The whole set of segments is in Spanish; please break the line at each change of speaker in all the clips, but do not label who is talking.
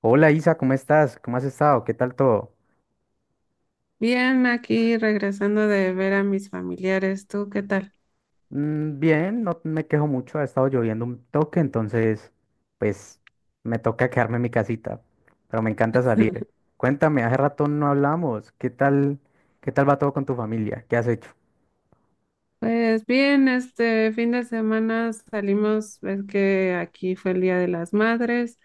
Hola Isa, ¿cómo estás? ¿Cómo has estado? ¿Qué tal todo?
Bien, aquí regresando de ver a mis familiares. ¿Tú qué tal?
Mm, bien, no me quejo mucho, ha estado lloviendo un toque, entonces pues me toca quedarme en mi casita, pero me encanta salir. Cuéntame, hace rato no hablamos, ¿qué tal va todo con tu familia? ¿Qué has hecho?
Pues bien, este fin de semana salimos, ves que aquí fue el Día de las Madres.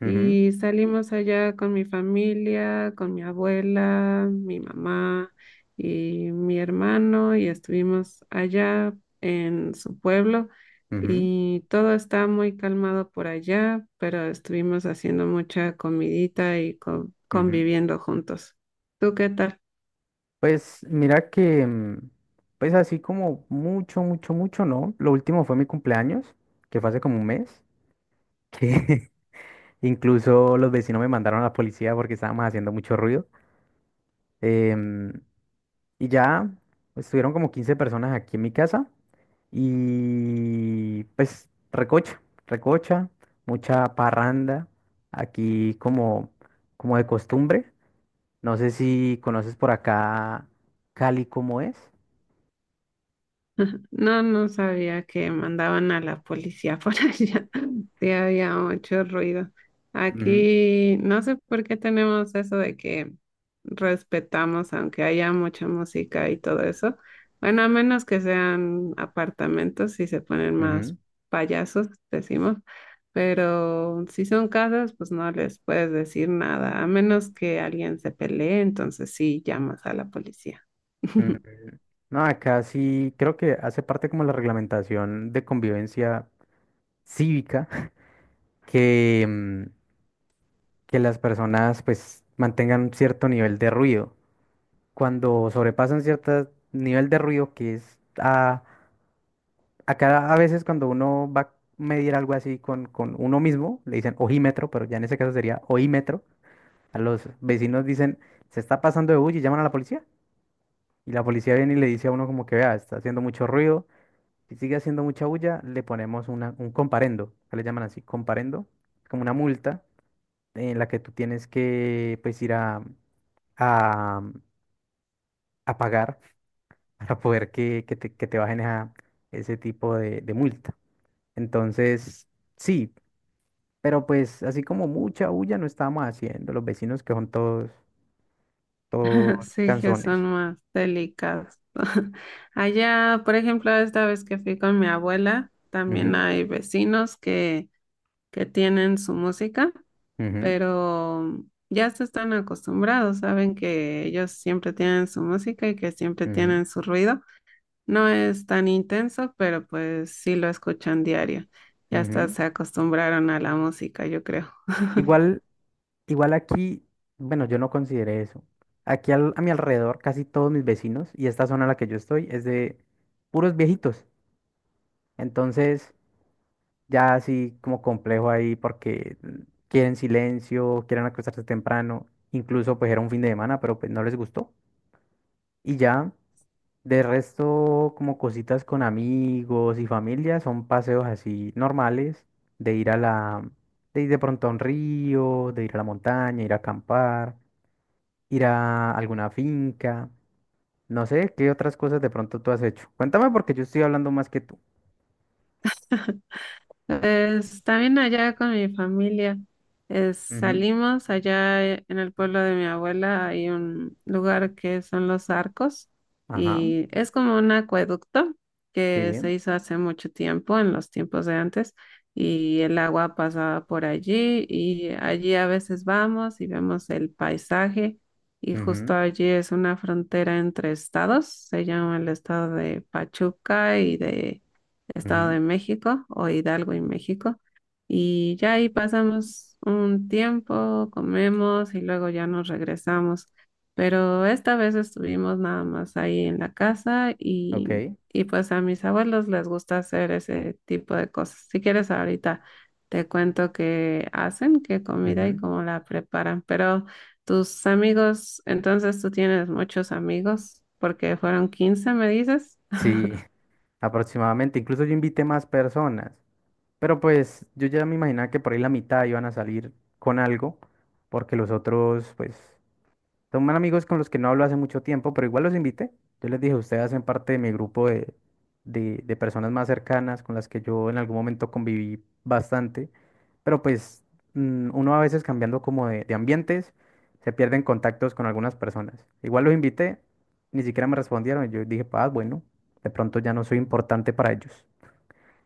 Ujú,
Y salimos allá con mi familia, con mi abuela, mi mamá y mi hermano y estuvimos allá en su pueblo
ujú,
y todo está muy calmado por allá, pero estuvimos haciendo mucha comidita y
ujú.
conviviendo juntos. ¿Tú qué tal?
Pues mira que, pues así como mucho, mucho, mucho, ¿no? Lo último fue mi cumpleaños, que fue hace como un mes, que incluso los vecinos me mandaron a la policía porque estábamos haciendo mucho ruido. Em, y ya estuvieron como 15 personas aquí en mi casa y pues recocha, recocha, mucha parranda aquí como de costumbre. No sé si conoces por acá Cali cómo es.
No, no sabía que mandaban a la policía por allá. Sí, había mucho ruido.
Ujú,
Aquí no sé por qué tenemos eso de que respetamos, aunque haya mucha música y todo eso. Bueno, a menos que sean apartamentos y se ponen
ujú,
más payasos, decimos. Pero si son casas, pues no les puedes decir nada, a menos que alguien se pelee, entonces sí llamas a la policía.
ujú. No, acá sí creo que hace parte como la reglamentación de convivencia cívica que, em, que las personas pues mantengan un cierto nivel de ruido. Cuando sobrepasan cierto nivel de ruido que es a veces cuando uno va a medir algo así con uno mismo, le dicen ojímetro, pero ya en ese caso sería oímetro. A los vecinos dicen, se está pasando de bulla y llaman a la policía. Y la policía viene y le dice a uno como que vea, está haciendo mucho ruido. Si sigue haciendo mucha bulla, le ponemos un comparendo, que le llaman así, comparendo, como una multa en la que tú tienes que pues ir a, a pagar para poder que te bajen ese tipo de multa. Entonces, sí, pero pues así como mucha bulla no estábamos haciendo, los vecinos que son todos, todos
Sí, que son
canzones.
más delicados. Allá, por ejemplo, esta vez que fui con mi abuela, también
Ujú,
hay vecinos que, tienen su música,
ujú,
pero ya se están acostumbrados, saben que ellos siempre tienen su música y que siempre
ujú,
tienen su ruido. No es tan intenso, pero pues sí lo escuchan diario. Ya hasta
ujú.
se acostumbraron a la música, yo creo.
Igual, igual aquí, bueno, yo no consideré eso. Aquí a mi alrededor, casi todos mis vecinos, y esta zona en la que yo estoy, es de puros viejitos. Entonces, ya así como complejo ahí porque quieren silencio, quieren acostarse temprano, incluso pues era un fin de semana, pero pues no les gustó. Y ya, de resto como cositas con amigos y familia, son paseos así normales, de ir a la, de ir de pronto a un río, de ir a la montaña, ir a acampar, ir a alguna finca, no sé, qué otras cosas de pronto tú has hecho. Cuéntame porque yo estoy hablando más que tú.
Pues, también allá con mi familia.
Ujú,
Salimos allá en el pueblo de mi abuela, hay un lugar que son los arcos
Ajá,
y es como un acueducto que
sí,
se hizo hace mucho tiempo, en los tiempos de antes, y el agua pasaba por allí y allí a veces vamos y vemos el paisaje y justo
ujú,
allí es una frontera entre estados, se llama el estado de Pachuca y de... Estado
ujú,
de México o Hidalgo y México. Y ya ahí pasamos un tiempo, comemos y luego ya nos regresamos. Pero esta vez estuvimos nada más ahí en la casa
ok.
y pues a mis abuelos les gusta hacer ese tipo de cosas. Si quieres ahorita te cuento qué hacen, qué comida y
Ujú.
cómo la preparan. Pero tus amigos, entonces tú tienes muchos amigos porque fueron 15 me dices.
Sí, aproximadamente. Incluso yo invité más personas. Pero pues yo ya me imaginaba que por ahí la mitad iban a salir con algo, porque los otros, pues. Son amigos con los que no hablo hace mucho tiempo, pero igual los invité. Yo les dije, ustedes hacen parte de mi grupo de personas más cercanas con las que yo en algún momento conviví bastante. Pero pues uno a veces cambiando como de ambientes, se pierden contactos con algunas personas. Igual los invité, ni siquiera me respondieron. Yo dije, ah, bueno, de pronto ya no soy importante para ellos.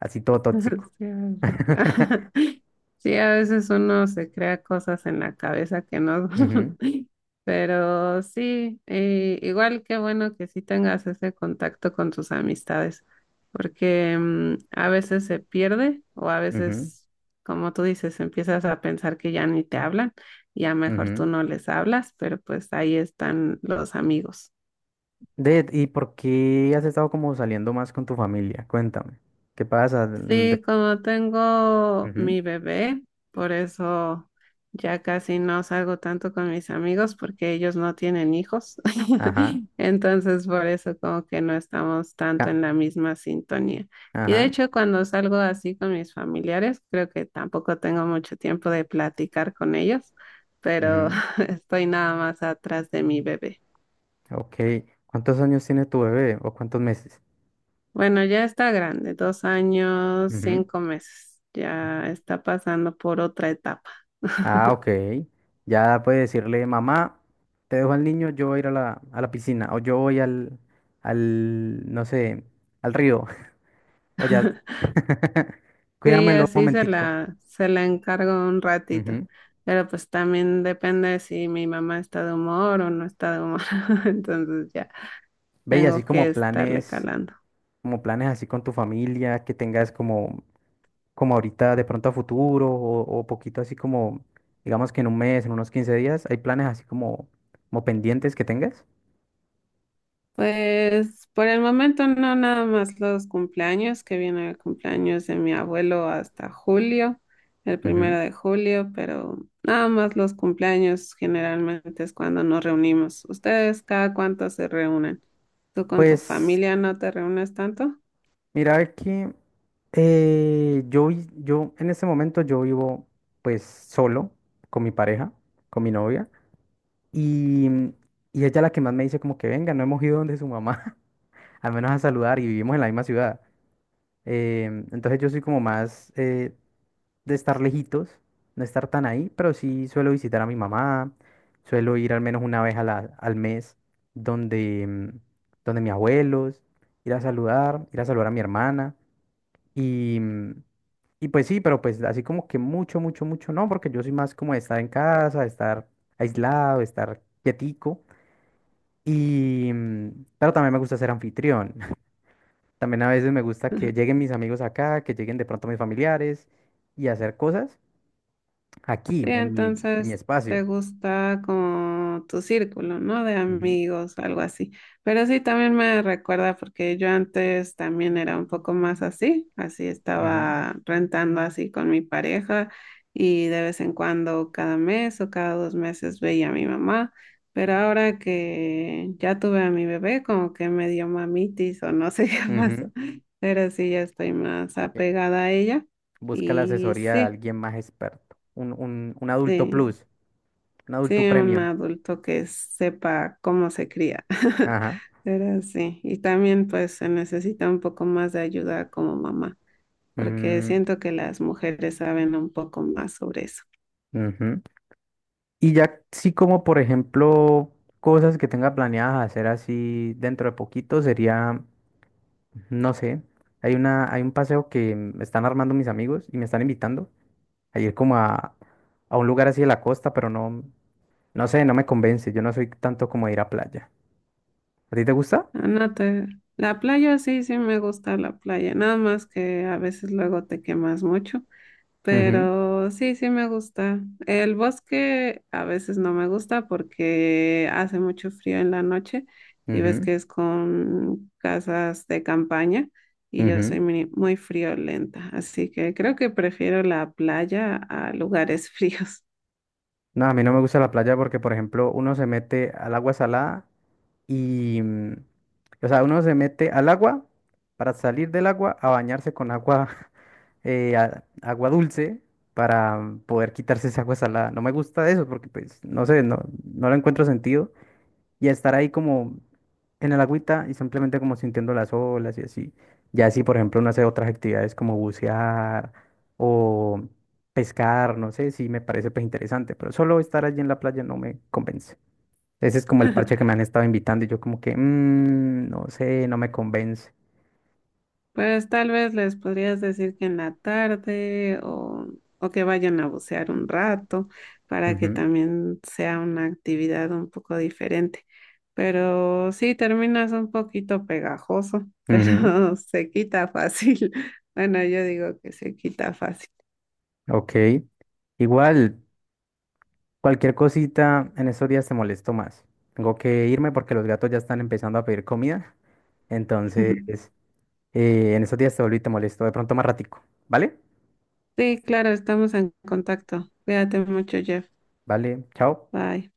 Así todo tóxico.
Sí, sí, a veces uno se crea cosas en la cabeza que no son, pero sí, igual qué bueno que sí tengas ese contacto con tus amistades, porque a veces se pierde o a
Ujú, ujú,
veces, como tú dices, empiezas a pensar que ya ni te hablan, ya mejor tú
ujú.
no les hablas, pero pues ahí están los amigos.
¿Y por qué has estado como saliendo más con tu familia? Cuéntame. ¿Qué pasa? De-
Sí, como tengo
ujú,
mi bebé, por eso ya casi no salgo tanto con mis amigos porque ellos no tienen hijos.
Ajá.
Entonces, por eso como que no estamos tanto
ca-
en la misma sintonía. Y de
Ajá.
hecho, cuando salgo así con mis familiares, creo que tampoco tengo mucho tiempo de platicar con ellos, pero
Ujú,
estoy nada más atrás de mi bebé.
Ok. ¿Cuántos años tiene tu bebé o cuántos meses?
Bueno, ya está grande, 2 años,
Ujú,
5 meses. Ya está pasando por otra etapa.
Ah, ok. Ya puede decirle, mamá, te dejo al niño, yo voy a ir a la piscina o yo voy no sé, al río. O ya,
Sí,
cuídamelo un
así se
momentico.
la, se la encargo un ratito.
Ujú.
Pero pues también depende si mi mamá está de humor o no está de humor. Entonces ya
Ve, y así
tengo que
como
estarle
planes.
calando.
Como planes así con tu familia, que tengas como, como ahorita de pronto a futuro o poquito así como, digamos que en un mes, en unos 15 días, hay planes así como, como pendientes que tengas?
Pues por el momento no, nada más los cumpleaños, que viene el cumpleaños de mi abuelo hasta julio, el
Ujú.
1 de julio, pero nada más los cumpleaños generalmente es cuando nos reunimos. ¿Ustedes cada cuánto se reúnen? ¿Tú con tu
Pues
familia no te reúnes tanto?
mira que yo en este momento yo vivo pues solo con mi pareja, con mi novia, y, y ella la que más me dice como que venga, no hemos ido donde su mamá, al menos a saludar y vivimos en la misma ciudad. Entonces yo soy como más, de estar lejitos, no estar tan ahí, pero sí suelo visitar a mi mamá, suelo ir al menos una vez a al mes donde, mm, donde mis abuelos, ir a saludar a mi hermana y, mm, y pues sí, pero pues así como que mucho, mucho, mucho no, porque yo soy más como de estar en casa, de estar aislado, de estar quietico pero también me gusta ser anfitrión. También a veces me gusta que lleguen mis amigos acá, que lleguen de pronto mis familiares y hacer cosas. Aquí,
Sí,
en mi
entonces
espacio.
te gusta como tu círculo, ¿no? De
Ujú,
amigos, algo así. Pero sí, también me recuerda porque yo antes también era un poco más así, así
ujú,
estaba rentando así con mi pareja y de vez en cuando, cada mes o cada 2 meses veía a mi mamá. Pero ahora que ya tuve a mi bebé, como que me dio mamitis o no sé qué
ujú.
pasó. Pero sí, ya estoy más
Eh,
apegada a ella
Busca la
y
asesoría de
sí.
alguien más experto. Un adulto
Sí,
plus, un adulto
sí, un
premium.
adulto que sepa cómo se cría.
Ajá.
Pero sí, y también pues se necesita un poco más de ayuda como mamá, porque
Mm,
siento que las mujeres saben un poco más sobre eso.
ujú. Y ya sí como, por ejemplo, cosas que tenga planeadas hacer así dentro de poquito sería, no sé, hay un paseo que me están armando mis amigos y me están invitando a ir como a un lugar así de la costa, pero no, no sé, no me convence. Yo no soy tanto como de ir a playa. ¿A ti te gusta?
Ah, no te... La playa sí, sí me gusta la playa, nada más que a veces luego te quemas mucho.
Ujú,
Pero sí, sí me gusta. El bosque a veces no me gusta porque hace mucho frío en la noche y ves
ujú,
que es con casas de campaña y yo
ujú.
soy muy, muy friolenta, así que creo que prefiero la playa a lugares fríos.
No, a mí no me gusta la playa porque, por ejemplo, uno se mete al agua salada y, mm, o sea, uno se mete al agua para salir del agua a bañarse con agua, agua dulce para poder quitarse esa agua salada. No me gusta eso porque, pues, no sé, no le encuentro sentido. Y estar ahí como en el agüita y simplemente como sintiendo las olas y así. Ya si, por ejemplo, uno hace otras actividades como bucear o pescar, no sé, si me parece pues interesante, pero solo estar allí en la playa no me convence. Ese es como el parche que me han estado invitando y yo como que, "Mm, no sé, no me convence.
Pues tal vez les podrías decir que en la tarde o, que vayan a bucear un rato para que
Ujú,
también sea una actividad un poco diferente. Pero sí, terminas un poquito pegajoso,
ujú,
pero se quita fácil. Bueno, yo digo que se quita fácil.
Ok. Igual, cualquier cosita en esos días te molesto más. Tengo que irme porque los gatos ya están empezando a pedir comida. Entonces, En esos días te volví y te molesto. De pronto más ratico. ¿Vale?
Sí, claro, estamos en contacto. Cuídate mucho, Jeff.
Vale, chao.
Bye.